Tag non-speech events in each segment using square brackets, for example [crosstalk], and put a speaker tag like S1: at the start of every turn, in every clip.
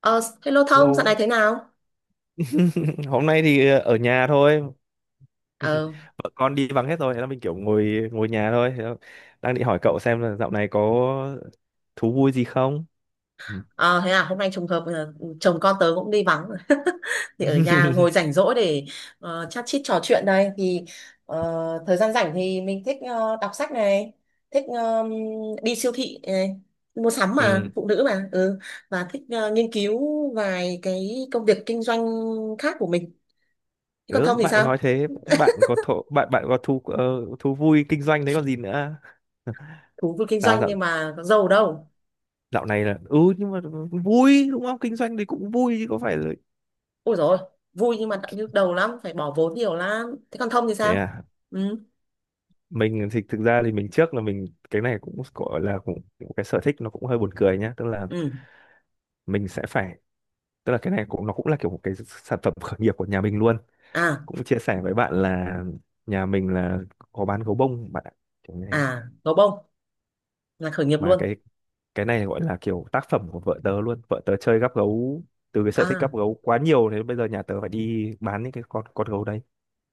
S1: Ờ, Hello Thông, dạo này
S2: Hello.
S1: thế nào?
S2: [laughs] Hôm nay thì ở nhà thôi. [laughs]
S1: Ờ,
S2: Vợ con đi vắng hết rồi, thế là mình kiểu ngồi ngồi nhà thôi. Thế là đang định hỏi cậu xem là dạo này có thú vui gì không? Ừ.
S1: ờ, thế à, hôm nay trùng hợp chồng con tớ cũng đi vắng [laughs] thì ở nhà
S2: [laughs]
S1: ngồi rảnh rỗi để chat chít trò chuyện đây thì ờ, thời gian rảnh thì mình thích đọc sách này, thích đi siêu thị này, mua sắm mà,
S2: Ừ.
S1: phụ nữ mà, ừ, và thích nghiên cứu vài cái công việc kinh doanh khác của mình. Thế còn Thông
S2: Gớm,
S1: thì
S2: bạn
S1: sao?
S2: nói thế, bạn có thổ, bạn bạn có thú thú vui kinh doanh đấy còn gì nữa. [laughs]
S1: Thú vui kinh
S2: Tao
S1: doanh
S2: dạo
S1: nhưng mà có giàu đâu.
S2: dạo này là ừ nhưng mà vui đúng không? Kinh doanh thì cũng vui chứ có phải là
S1: Ôi rồi vui nhưng mà nhức đầu lắm, phải bỏ vốn nhiều lắm. Thế còn Thông thì
S2: thế
S1: sao?
S2: à?
S1: Ừ,
S2: Mình thì thực ra thì mình trước là mình cái này cũng gọi là cũng cái sở thích nó cũng hơi buồn cười nhá, tức là
S1: ừ.
S2: mình sẽ phải, tức là cái này cũng nó cũng là kiểu một cái sản phẩm khởi nghiệp của nhà mình luôn,
S1: À,
S2: cũng chia sẻ với bạn là nhà mình là có bán gấu bông bạn ạ, kiểu như thế.
S1: à, gấu bông là khởi nghiệp
S2: Mà
S1: luôn.
S2: cái này gọi là kiểu tác phẩm của vợ tớ luôn, vợ tớ chơi gắp gấu, từ cái sở thích
S1: À,
S2: gắp gấu quá nhiều thế bây giờ nhà tớ phải đi bán những cái con gấu đấy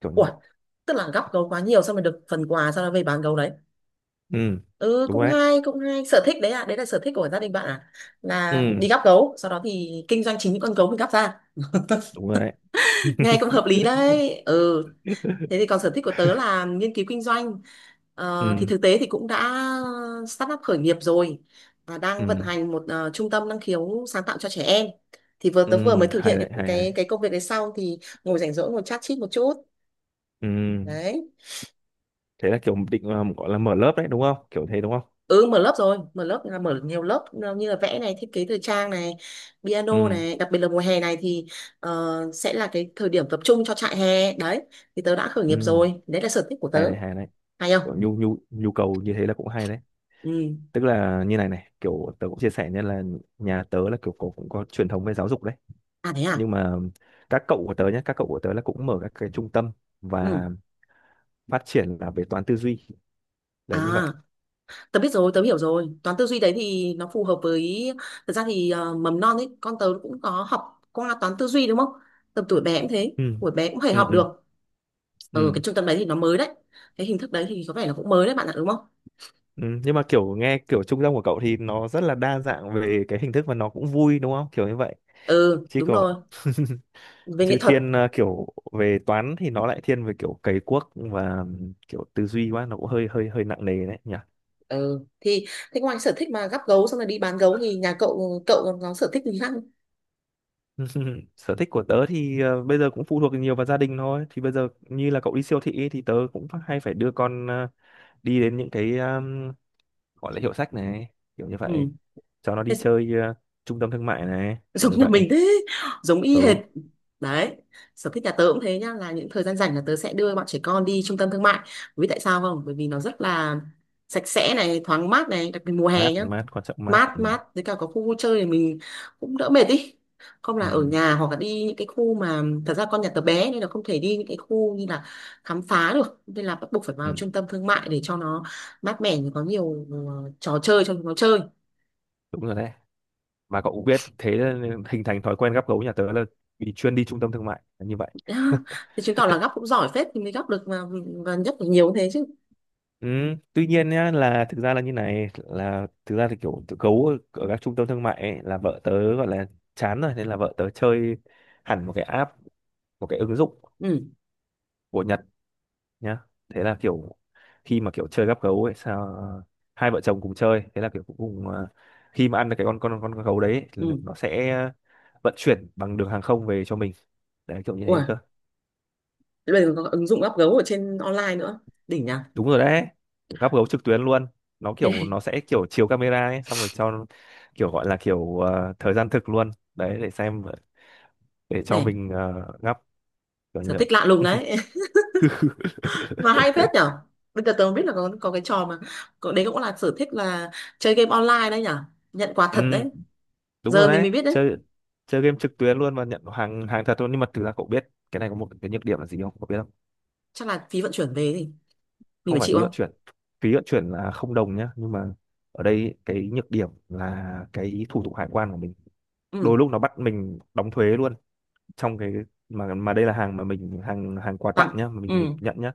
S2: kiểu như
S1: ủa,
S2: vậy.
S1: tức là góp gấu quá nhiều xong rồi được phần quà sau đó về bán gấu đấy.
S2: Ừ
S1: Ừ,
S2: đúng
S1: cũng
S2: rồi đấy.
S1: hay, cũng hay, sở thích đấy à, đấy là sở thích của gia đình bạn à, là
S2: Ừ
S1: đi gắp gấu sau đó thì kinh doanh chính những con gấu mình gắp ra.
S2: đúng rồi đấy.
S1: [laughs] Nghe cũng hợp lý đấy, ừ. Thế thì
S2: [laughs]
S1: còn sở thích của tớ là nghiên cứu kinh doanh. Thì
S2: Ừ,
S1: thực tế thì cũng đã start up khởi nghiệp rồi và đang vận
S2: ừ,
S1: hành một trung tâm năng khiếu sáng tạo cho trẻ em. Thì vừa
S2: ừ,
S1: tớ vừa mới thực
S2: hay
S1: hiện
S2: đấy
S1: cái
S2: hay
S1: cái
S2: hay.
S1: cái công việc đấy xong thì ngồi rảnh rỗi ngồi chat chít một chút.
S2: Ừ,
S1: Đấy.
S2: thế là kiểu định gọi là mở lớp đấy đúng không kiểu thế đúng không.
S1: Ừ, mở lớp rồi, mở lớp là mở nhiều lớp như là vẽ này, thiết kế thời trang này, piano
S2: Ừ,
S1: này, đặc biệt là mùa hè này thì sẽ là cái thời điểm tập trung cho trại hè. Đấy, thì tớ đã khởi nghiệp
S2: ừ,
S1: rồi. Đấy là sở thích của
S2: hay
S1: tớ.
S2: đấy hay đấy,
S1: Hay không?
S2: kiểu nhu nhu nhu cầu như thế là cũng hay đấy.
S1: Ừ.
S2: Tức là như này này kiểu tớ cũng chia sẻ, nên là nhà tớ là kiểu cũng có truyền thống về giáo dục đấy,
S1: À thế à?
S2: nhưng mà các cậu của tớ nhé, các cậu của tớ là cũng mở các cái trung tâm
S1: Ừ.
S2: và phát triển là về toán tư duy
S1: À,
S2: đấy, như vậy.
S1: tớ biết rồi, tớ hiểu rồi. Toán tư duy đấy thì nó phù hợp với, thật ra thì mầm non ấy, con tớ cũng có học qua toán tư duy đúng không? Tầm tuổi bé cũng thế,
S2: Ừ,
S1: tuổi bé cũng phải
S2: ừ,
S1: học
S2: ừ,
S1: được. Ở
S2: ừ.
S1: cái trung tâm đấy thì nó mới đấy. Cái hình thức đấy thì có vẻ là cũng mới đấy bạn ạ, đúng không?
S2: Ừ, nhưng mà kiểu nghe kiểu trung tâm của cậu thì nó rất là đa dạng về cái hình thức và nó cũng vui đúng không kiểu như vậy,
S1: Ừ,
S2: chứ
S1: đúng
S2: còn,
S1: rồi. Về nghệ
S2: chứ
S1: thuật.
S2: thiên kiểu về toán thì nó lại thiên về kiểu cày cuốc và kiểu tư duy quá, nó cũng hơi hơi hơi nặng nề đấy nhỉ.
S1: Ừ, thì thế ngoài sở thích mà gắp gấu xong rồi đi bán gấu thì nhà cậu cậu còn có sở thích gì khác không?
S2: [laughs] Sở thích của tớ thì bây giờ cũng phụ thuộc nhiều vào gia đình thôi, thì bây giờ như là cậu đi siêu thị ấy, thì tớ cũng phải- hay phải đưa con đi đến những cái gọi là hiệu sách này kiểu như vậy,
S1: Ừ.
S2: cho nó
S1: Thế
S2: đi chơi trung tâm thương mại này kiểu như
S1: giống nhà
S2: vậy.
S1: mình thế, giống y hệt
S2: Ừ,
S1: đấy. Sở thích nhà tớ cũng thế nhá, là những thời gian rảnh là tớ sẽ đưa bọn trẻ con đi trung tâm thương mại, vì tại sao không, bởi vì nó rất là sạch sẽ này, thoáng mát này, đặc biệt mùa hè
S2: mát
S1: nhá,
S2: mát quan trọng mát
S1: mát
S2: ừ.
S1: mát với cả có khu vui chơi thì mình cũng đỡ mệt đi, không là
S2: Ừ.
S1: ở nhà, hoặc là đi những cái khu mà thật ra con nhà tớ bé nên là không thể đi những cái khu như là khám phá được, nên là bắt buộc phải vào
S2: Ừ.
S1: trung tâm thương mại để cho nó mát mẻ, có nhiều trò chơi cho chúng nó chơi.
S2: Đúng rồi đấy, mà cậu cũng biết thế nên hình thành thói quen gắp gấu nhà tớ là vì chuyên đi trung tâm thương mại là như vậy. [laughs]
S1: [laughs] Thì chứng tỏ là gấp cũng giỏi phết thì mới gấp được, và nhất được nhiều như thế chứ.
S2: Ừ, tuy nhiên nhá là thực ra là như này, là thực ra thì kiểu tụi gấu ở các trung tâm thương mại ấy, là vợ tớ gọi là chán rồi nên là vợ tớ chơi hẳn một cái app, một cái ứng dụng
S1: Ừ,
S2: của Nhật nhá. Thế là kiểu khi mà kiểu chơi gắp gấu ấy sao hai vợ chồng cùng chơi, thế là kiểu cuối cùng à, khi mà ăn được cái con gấu đấy ấy, thì
S1: ừ,
S2: nó sẽ vận chuyển bằng đường hàng không về cho mình, đấy kiểu như
S1: ủa,
S2: thế cơ.
S1: thế bây giờ có ứng dụng gấp gấu ở trên online nữa, đỉnh nhỉ.
S2: Đúng rồi đấy, gắp gấu trực tuyến luôn, nó
S1: Thế
S2: kiểu nó
S1: [laughs]
S2: sẽ kiểu chiếu camera ấy xong rồi cho kiểu gọi là kiểu thời gian thực luôn đấy để xem, để cho
S1: này,
S2: mình gắp, kiểu như
S1: sở
S2: vậy.
S1: thích lạ lùng đấy. [laughs] Mà hay phết nhở,
S2: [laughs]
S1: bây giờ tớ mới biết là có cái trò mà có, đấy cũng là sở thích là chơi game online đấy nhở, nhận quà
S2: Ừ,
S1: thật đấy,
S2: đúng
S1: giờ
S2: rồi
S1: mình
S2: đấy,
S1: mới biết đấy.
S2: chơi chơi game trực tuyến luôn và nhận hàng hàng thật luôn, nhưng mà thực ra cậu biết cái này có một cái nhược điểm là gì không cậu biết không?
S1: Chắc là phí vận chuyển về thì mình
S2: Không
S1: phải
S2: phải
S1: chịu
S2: phí vận
S1: không?
S2: chuyển, phí vận chuyển là không đồng nhá, nhưng mà ở đây cái nhược điểm là cái thủ tục hải quan của mình
S1: Ừ,
S2: đôi lúc nó bắt mình đóng thuế luôn, trong cái, mà đây là hàng mà mình hàng hàng quà tặng
S1: tặng,
S2: nhá mà
S1: ừ,
S2: mình nhận nhá,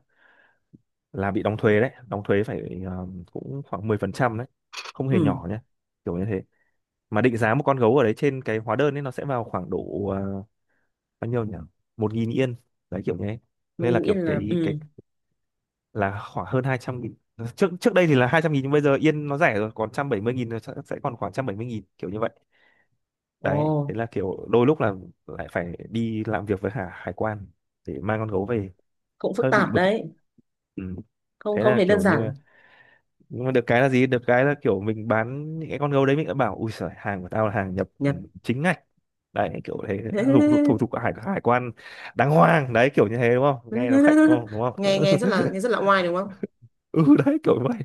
S2: là bị đóng thuế đấy, đóng thuế phải cũng khoảng 10% đấy, không
S1: ừ,
S2: hề nhỏ nhá, kiểu như thế. Mà định giá một con gấu ở đấy trên cái hóa đơn ấy nó sẽ vào khoảng độ bao nhiêu nhỉ, 1000 yên, đấy kiểu như thế. Nên là
S1: mình nghĩ
S2: kiểu
S1: là,
S2: cái
S1: ừ,
S2: là khoảng hơn 200.000, trước trước đây thì là 200.000 nhưng bây giờ yên nó rẻ rồi còn 170.000, nó sẽ còn khoảng 170.000 kiểu như vậy.
S1: ồ,
S2: Đấy thế là kiểu đôi lúc là lại phải đi làm việc với hải hải quan để mang con gấu về,
S1: cũng phức
S2: hơi bị
S1: tạp
S2: bực.
S1: đấy,
S2: Ừ.
S1: không
S2: Thế
S1: không
S2: là
S1: thấy đơn
S2: kiểu nhưng
S1: giản
S2: mà, nhưng mà được cái là gì, được cái là kiểu mình bán những cái con gấu đấy mình đã bảo ui giời hàng của tao là hàng nhập
S1: nhỉ.
S2: ừ, chính ngạch, đấy kiểu thế, thủ thủ thủ,
S1: [laughs]
S2: thủ hải hải quan đàng hoàng đấy kiểu như thế đúng không, nghe nó khạnh
S1: [laughs]
S2: đúng không đúng không.
S1: Nghe, nghe rất là, nghe
S2: [laughs]
S1: rất là oai đúng không.
S2: Ừ đấy kiểu vậy.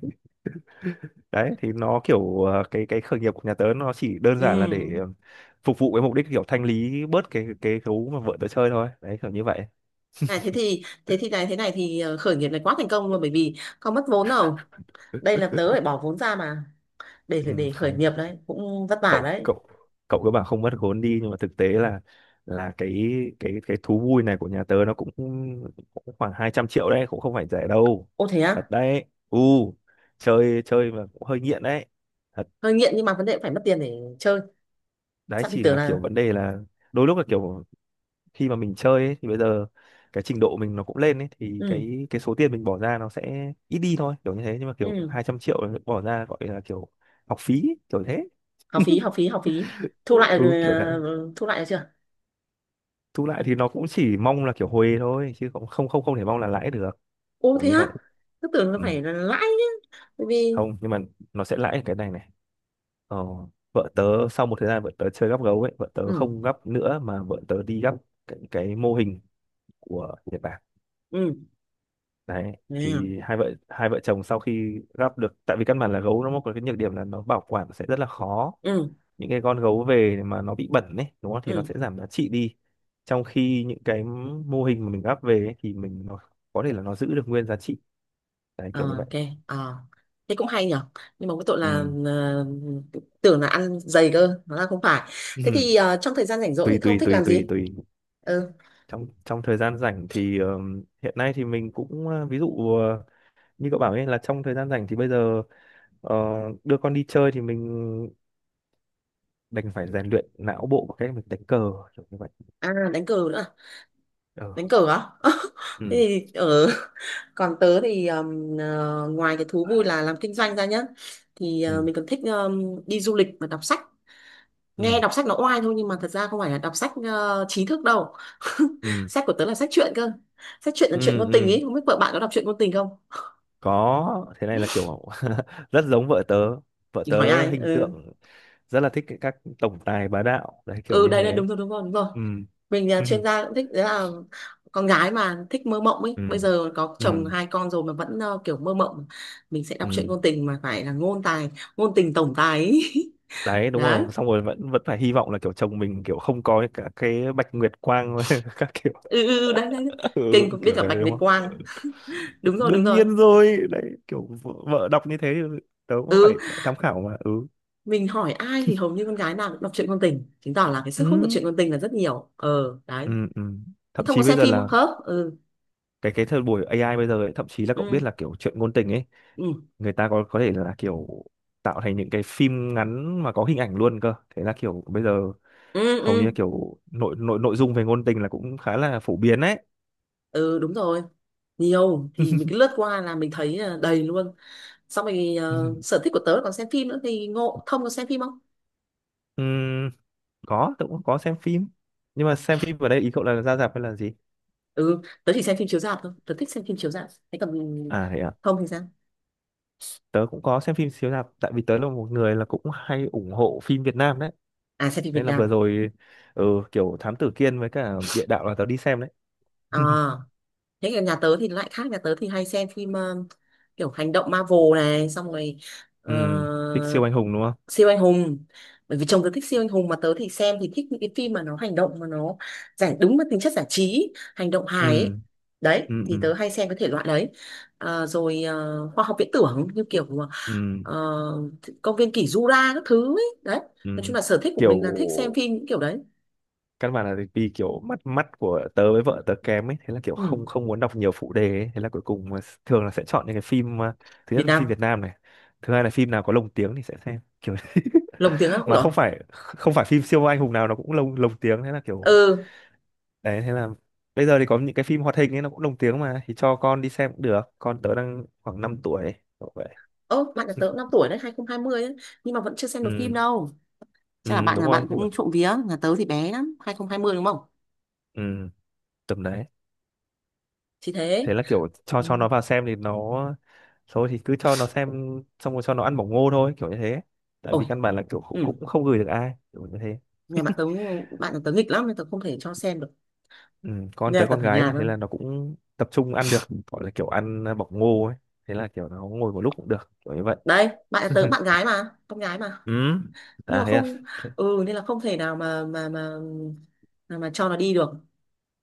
S2: Đấy thì nó kiểu cái khởi nghiệp của nhà tớ nó chỉ đơn giản là để
S1: Ừ,
S2: phục vụ cái mục đích kiểu thanh lý bớt cái gấu mà vợ tớ chơi thôi đấy kiểu như vậy.
S1: này thế thì, thế thì này, thế này thì khởi nghiệp này quá thành công luôn bởi vì không mất vốn đâu, đây là tớ phải bỏ vốn ra mà,
S2: Ừ,
S1: để khởi
S2: không
S1: nghiệp đấy cũng vất vả
S2: cậu
S1: đấy.
S2: cậu cậu cứ bảo không mất vốn đi nhưng mà thực tế là cái, cái thú vui này của nhà tớ nó cũng khoảng 200.000.000 đấy, cũng không phải rẻ đâu,
S1: Ô thế
S2: thật
S1: á,
S2: đấy. U, chơi chơi mà cũng hơi nghiện đấy, thật
S1: hơi nghiện nhưng mà vấn đề phải mất tiền để chơi,
S2: đấy.
S1: sao thì
S2: Chỉ
S1: tưởng
S2: là
S1: là,
S2: kiểu vấn đề là đôi lúc là kiểu khi mà mình chơi ấy, thì bây giờ cái trình độ mình nó cũng lên ấy thì
S1: ừ,
S2: cái số tiền mình bỏ ra nó sẽ ít đi thôi kiểu như thế, nhưng mà kiểu
S1: ừ,
S2: 200.000.000 bỏ ra gọi là kiểu học phí kiểu thế.
S1: học phí học phí học phí, thu lại
S2: Ừ kiểu thế,
S1: thu lại được chưa.
S2: thu lại thì nó cũng chỉ mong là kiểu hồi thôi chứ cũng không không không thể mong là lãi được,
S1: Ô
S2: kiểu
S1: thế
S2: như
S1: á,
S2: vậy.
S1: cứ tưởng là
S2: Ừ.
S1: phải là lãi nhá, bởi vì,
S2: Không nhưng mà nó sẽ lãi ở cái này này. Ờ, vợ tớ sau một thời gian vợ tớ chơi gắp gấu ấy vợ tớ
S1: ừ
S2: không gắp nữa mà vợ tớ đi gắp cái mô hình của Nhật Bản
S1: ừ
S2: đấy.
S1: ừ
S2: Thì hai vợ chồng sau khi gắp được, tại vì căn bản là gấu nó có cái nhược điểm là nó bảo quản sẽ rất là khó,
S1: ừ
S2: những cái con gấu về mà nó bị bẩn ấy đúng không thì nó sẽ
S1: ừ.
S2: giảm giá trị đi, trong khi những cái mô hình mà mình gắp về ấy, thì mình nó có thể là nó giữ được nguyên giá trị, đấy
S1: Ờ,
S2: kiểu như vậy.
S1: ok, thế cũng hay nhở, nhưng mà cái tội là
S2: Ừ.
S1: tưởng là ăn dày cơ nó là không phải. Thế
S2: Ừ.
S1: thì trong thời gian rảnh
S2: [laughs]
S1: rỗi thì
S2: tùy
S1: Thông
S2: tùy
S1: thích
S2: tùy
S1: làm
S2: tùy
S1: gì?
S2: tùy
S1: Ừ,
S2: trong trong thời gian rảnh thì hiện nay thì mình cũng ví dụ như cậu bảo ấy, là trong thời gian rảnh thì bây giờ ờ, đưa con đi chơi, thì mình đành phải rèn luyện não bộ bằng cách mình đánh cờ, kiểu như vậy.
S1: à đánh cờ nữa à? Đánh
S2: Ờ,
S1: cờ á. [laughs] Thế
S2: ừ,
S1: thì ở, [laughs] còn tớ thì ngoài cái thú vui là làm kinh doanh ra nhá, thì
S2: ừ,
S1: mình còn thích đi du lịch và đọc sách. Nghe
S2: ừ,
S1: đọc sách nó oai thôi nhưng mà thật ra không phải là đọc sách trí thức đâu. [laughs]
S2: ừ,
S1: Sách của tớ là sách truyện cơ, sách truyện là chuyện
S2: ừ,
S1: ngôn tình
S2: ừ,
S1: ấy, không biết vợ bạn có đọc truyện ngôn tình không.
S2: có, thế này là kiểu [laughs] rất giống vợ tớ, vợ
S1: Mình hỏi
S2: tớ
S1: ai,
S2: hình
S1: ừ,
S2: tượng rất là thích các tổng tài bá đạo đấy kiểu
S1: ừ,
S2: như
S1: đấy đấy,
S2: thế.
S1: đúng rồi đúng rồi đúng rồi,
S2: Ừ.
S1: mình
S2: [laughs]
S1: là
S2: Ừ,
S1: chuyên gia cũng thích đấy, là con gái mà thích mơ mộng ấy,
S2: ừ,
S1: bây giờ có
S2: ừ,
S1: chồng hai con rồi mà vẫn kiểu mơ mộng. Mình sẽ đọc truyện
S2: ừ.
S1: ngôn tình mà phải là ngôn tài, ngôn tình tổng tài ấy.
S2: Đấy
S1: [laughs]
S2: đúng
S1: Đấy,
S2: rồi xong rồi vẫn vẫn phải hy vọng là kiểu chồng mình kiểu không có cả cái bạch nguyệt quang [laughs] các kiểu.
S1: ừ ừ ừ, đấy đấy đấy.
S2: Ừ,
S1: Kinh, cũng biết
S2: kiểu
S1: cả
S2: đấy
S1: Bạch
S2: đúng
S1: Nguyệt
S2: không,
S1: Quang. Đúng rồi đúng
S2: đương
S1: rồi,
S2: nhiên rồi đấy, kiểu vợ đọc như thế thì tớ cũng
S1: ừ.
S2: phải tham khảo mà. Ừ,
S1: Mình hỏi ai thì hầu như con gái nào cũng đọc truyện ngôn tình, chứng tỏ là cái sức hút của
S2: ừ,
S1: truyện ngôn tình là rất nhiều, ờ đấy.
S2: ừ, ừ.
S1: Thế
S2: Thậm
S1: Thông
S2: chí
S1: có
S2: bây
S1: xem
S2: giờ
S1: phim không
S2: là
S1: hả? Ừ
S2: cái thời buổi AI bây giờ ấy, thậm chí là cậu
S1: ừ
S2: biết là kiểu chuyện ngôn tình ấy
S1: ừ
S2: người ta có thể là kiểu tạo thành những cái phim ngắn mà có hình ảnh luôn cơ, thế là kiểu bây giờ
S1: ừ
S2: hầu như
S1: ừ
S2: là kiểu nội nội nội dung về ngôn tình là cũng khá là phổ biến đấy.
S1: ừ, đúng rồi, nhiều thì mình cứ lướt qua là mình thấy là đầy luôn. Xong rồi
S2: [laughs]
S1: sở thích của tớ là còn xem phim nữa, thì ngộ Thông có xem phim không.
S2: Ừm, có tớ cũng có xem phim, nhưng mà xem phim ở đây ý cậu là ra rạp hay là gì.
S1: Ừ, tớ chỉ xem phim chiếu rạp thôi, tớ thích xem phim chiếu rạp, thế còn
S2: À thế à,
S1: Thông thì sao?
S2: tớ cũng có xem phim chiếu rạp tại vì tớ là một người là cũng hay ủng hộ phim Việt Nam đấy,
S1: À xem phim Việt
S2: nên là
S1: Nam
S2: vừa
S1: à.
S2: rồi ừ, kiểu Thám Tử Kiên với cả Địa Đạo là tớ đi xem đấy. [laughs]
S1: À thế còn nhà tớ thì lại khác, nhà tớ thì hay xem phim kiểu hành động Marvel này, xong rồi ờ,
S2: Thích siêu anh hùng đúng không.
S1: siêu anh hùng, bởi vì chồng tớ thích siêu anh hùng, mà tớ thì xem thì thích những cái phim mà nó hành động, mà nó giải đúng với tính chất giải trí hành động hài ấy.
S2: Ừ,
S1: Đấy thì
S2: ừ,
S1: tớ hay xem cái thể loại đấy, à, rồi khoa học viễn tưởng như kiểu mà
S2: ừ,
S1: ờ, công viên kỷ Jura các thứ ấy đấy. Nói chung
S2: ừ,
S1: là sở thích của
S2: kiểu
S1: mình là thích xem phim những kiểu đấy.
S2: căn bản là vì kiểu mắt mắt của tớ với vợ tớ kém ấy, thế là kiểu không
S1: Ừ.
S2: không muốn đọc nhiều phụ đề ấy. Thế là cuối cùng là thường là sẽ chọn những cái phim thứ nhất
S1: Việt
S2: là
S1: Nam,
S2: phim Việt Nam này, thứ hai là phim nào có lồng tiếng thì sẽ xem kiểu
S1: lồng tiếng á,
S2: [laughs]
S1: ui
S2: mà
S1: dồi,
S2: không phải phim siêu anh hùng nào nó cũng lồng lồng tiếng, thế là kiểu
S1: ừ.
S2: đấy. Thế là bây giờ thì có những cái phim hoạt hình ấy nó cũng lồng tiếng mà, thì cho con đi xem cũng được, con tớ đang khoảng 5 tuổi, kiểu vậy.
S1: Ơ bạn nhà tớ cũng 5 tuổi đấy, 2020 ấy, nhưng mà vẫn chưa xem được phim
S2: Ừ,
S1: đâu. Chắc là
S2: ừ
S1: bạn
S2: đúng
S1: nhà bạn
S2: rồi nhưng mà
S1: cũng trộm vía, nhà tớ thì bé lắm, 2020 đúng không,
S2: ừ, tầm đấy.
S1: chỉ thế.
S2: Thế là kiểu cho
S1: Ừ.
S2: nó vào xem thì nó thôi thì cứ cho nó xem, xong rồi cho nó ăn bỏng ngô thôi, kiểu như thế. Tại vì
S1: Ôi,
S2: căn bản là kiểu cũng
S1: ừ.
S2: cũng không gửi được ai, kiểu như thế.
S1: Nhà bạn tớ, bạn nhà tớ nghịch lắm nên tớ không thể cho xem được,
S2: Ừ, con
S1: nhà
S2: tới
S1: tớ
S2: con
S1: ở
S2: gái
S1: nhà
S2: mà, thế
S1: thôi.
S2: là nó cũng tập trung ăn được, gọi là kiểu ăn bỏng ngô ấy, thế là kiểu nó ngồi một lúc cũng được, kiểu như vậy.
S1: Đấy bạn nhà tớ bạn gái mà, con gái mà,
S2: Ừ
S1: nhưng
S2: à
S1: mà
S2: thế,
S1: không,
S2: thế.
S1: ừ, nên là không thể nào mà, mà cho nó đi được.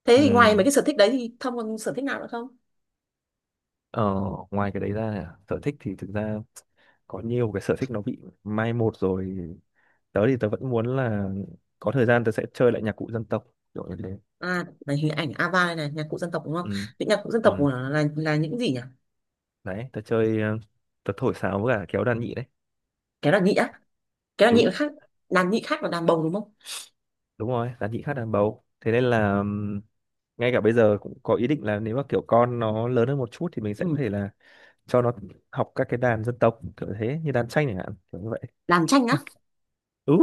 S1: Thế
S2: Ừ.
S1: thì ngoài mấy cái sở thích đấy thì Thông còn sở thích nào nữa không?
S2: Ờ, Ngoài cái đấy ra sở thích thì thực ra có nhiều cái sở thích nó bị mai một rồi. Tớ thì tớ vẫn muốn là có thời gian tớ sẽ chơi lại nhạc cụ dân tộc, kiểu như thế.
S1: À này hình ảnh Ava này, này nhạc cụ dân tộc đúng không,
S2: Ừ.
S1: những nhạc cụ dân tộc
S2: Ừ.
S1: của nó là những gì nhỉ?
S2: Đấy, tớ chơi tớ thổi sáo với cả kéo đàn nhị đấy.
S1: Kéo đàn nhị á, kéo đàn nhị
S2: Ừ
S1: là khác, đàn nhị khác là đàn bầu đúng không.
S2: đúng rồi, đàn nhị khác đàn bầu, thế nên là ngay cả bây giờ cũng có ý định là nếu mà kiểu con nó lớn hơn một chút thì mình sẽ có
S1: Ừ.
S2: thể là cho nó học các cái đàn dân tộc kiểu thế, như đàn tranh chẳng hạn, kiểu như vậy.
S1: Đàn tranh á,
S2: Ừ,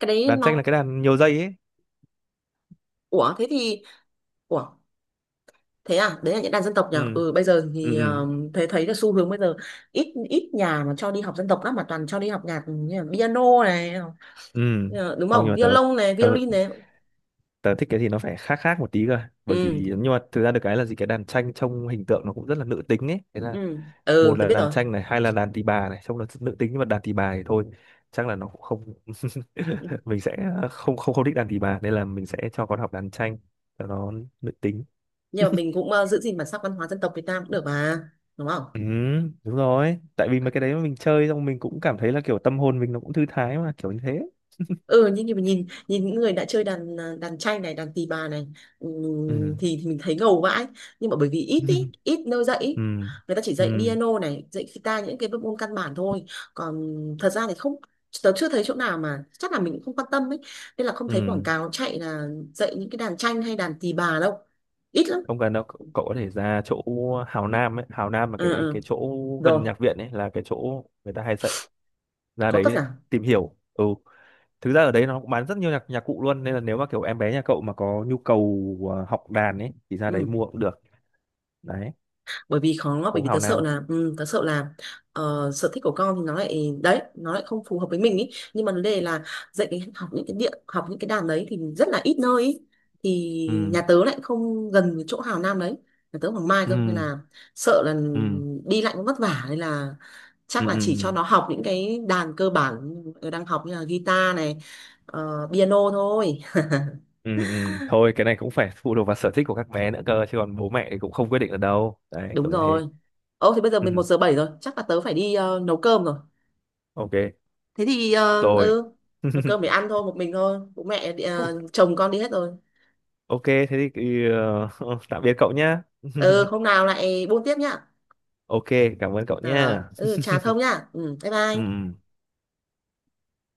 S1: cái đấy
S2: đàn tranh là
S1: nó,
S2: cái đàn nhiều dây ấy.
S1: ủa thế thì, ủa, thế à, đấy là những đàn dân tộc nhỉ.
S2: Ừ
S1: Ừ bây giờ
S2: ừ
S1: thì
S2: ừ
S1: thấy, thấy là xu hướng bây giờ ít, ít nhà mà cho đi học dân tộc lắm, mà toàn cho đi học nhạc, ừ, như là piano này,
S2: ừ
S1: đúng
S2: không, nhưng
S1: không,
S2: mà tớ
S1: violon này
S2: tớ
S1: violin này.
S2: tớ thích cái gì nó phải khác khác một tí cơ, bởi vì
S1: Ừ
S2: nhưng mà thực ra được cái là gì, cái đàn tranh trông hình tượng nó cũng rất là nữ tính ấy, thế là
S1: ừ ừ,
S2: một
S1: tôi
S2: là
S1: biết
S2: đàn
S1: rồi.
S2: tranh này, hai là đàn tỳ bà này, trong đó nữ tính nhưng mà đàn tỳ bà thì thôi, chắc là nó cũng không,
S1: Ừ.
S2: mình sẽ không không không thích đàn tỳ bà, nên là mình sẽ cho con học đàn tranh cho nó nữ tính.
S1: Nhưng mà mình cũng giữ gìn bản sắc văn hóa dân tộc Việt Nam cũng được mà, đúng không.
S2: Ừ đúng rồi, tại vì mà cái đấy mà mình chơi xong mình cũng cảm thấy là kiểu tâm hồn mình nó cũng thư thái mà, kiểu như thế.
S1: Ừ, nhưng mà nhìn nhìn những người đã chơi đàn, à, đàn tranh này, đàn tỳ bà này,
S2: Ừ.
S1: thì mình thấy ngầu vãi, nhưng mà bởi vì ít ý,
S2: [laughs]
S1: ít nơi dạy ý.
S2: Ừ
S1: Người ta chỉ
S2: ừ
S1: dạy piano này, dạy guitar, những cái bộ môn căn bản thôi, còn thật ra thì không, tớ chưa thấy chỗ nào, mà chắc là mình cũng không quan tâm ấy, nên là không thấy quảng
S2: ừ.
S1: cáo chạy là dạy những cái đàn tranh hay đàn tỳ bà đâu, ít lắm.
S2: Không cần đâu cậu, cậu có thể ra chỗ Hào Nam ấy, Hào Nam là
S1: Ừ,
S2: cái
S1: ừ.
S2: cái chỗ
S1: Rồi
S2: gần nhạc viện ấy, là cái chỗ người ta hay dạy. Ra
S1: có tất
S2: đấy
S1: cả.
S2: tìm hiểu. Ừ, thực ra ở đấy nó cũng bán rất nhiều nhạc nhạc cụ luôn, nên là nếu mà kiểu em bé nhà cậu mà có nhu cầu học đàn ấy thì ra đấy
S1: Ừ.
S2: mua cũng được. Đấy,
S1: Bởi vì khó, bởi
S2: phố
S1: vì tớ
S2: Hào
S1: sợ
S2: Nam.
S1: là, ừ, tớ sợ là sở thích của con thì nó lại đấy, nó lại không phù hợp với mình ý, nhưng mà vấn đề là dạy cái học những cái điện học những cái đàn đấy thì rất là ít nơi ý. Thì
S2: Ừ
S1: nhà tớ lại không gần với chỗ Hào Nam đấy, nhà tớ ở Hoàng Mai cơ nên
S2: ừ
S1: là sợ là
S2: ừ
S1: đi lại cũng vất vả, nên là
S2: ừ
S1: chắc là
S2: ừ
S1: chỉ cho nó học những cái đàn cơ bản nó đang học như là guitar này, piano thôi.
S2: ừ ừ. Thôi cái này cũng phải phụ thuộc vào sở thích của các bé nữa cơ, chứ còn bố mẹ thì cũng không quyết định được đâu đấy,
S1: Đúng
S2: kiểu như thế.
S1: rồi. Ô thì bây giờ
S2: Ừ.
S1: mình 1:07 rồi, chắc là tớ phải đi nấu cơm rồi.
S2: Ok.
S1: Thế thì
S2: Rồi.
S1: ừ, nấu
S2: [laughs]
S1: cơm để ăn thôi, một mình thôi, bố mẹ đi-
S2: O-
S1: ờ, chồng con đi hết rồi.
S2: ok thế thì [laughs] tạm biệt cậu nhá.
S1: Ừ
S2: [laughs]
S1: hôm nào lại buôn tiếp nhá.
S2: Ok, cảm ơn cậu
S1: Rồi, rồi.
S2: nhá.
S1: Ừ trà Thông nhá, ừ bye
S2: Ừ
S1: bye.
S2: ừ.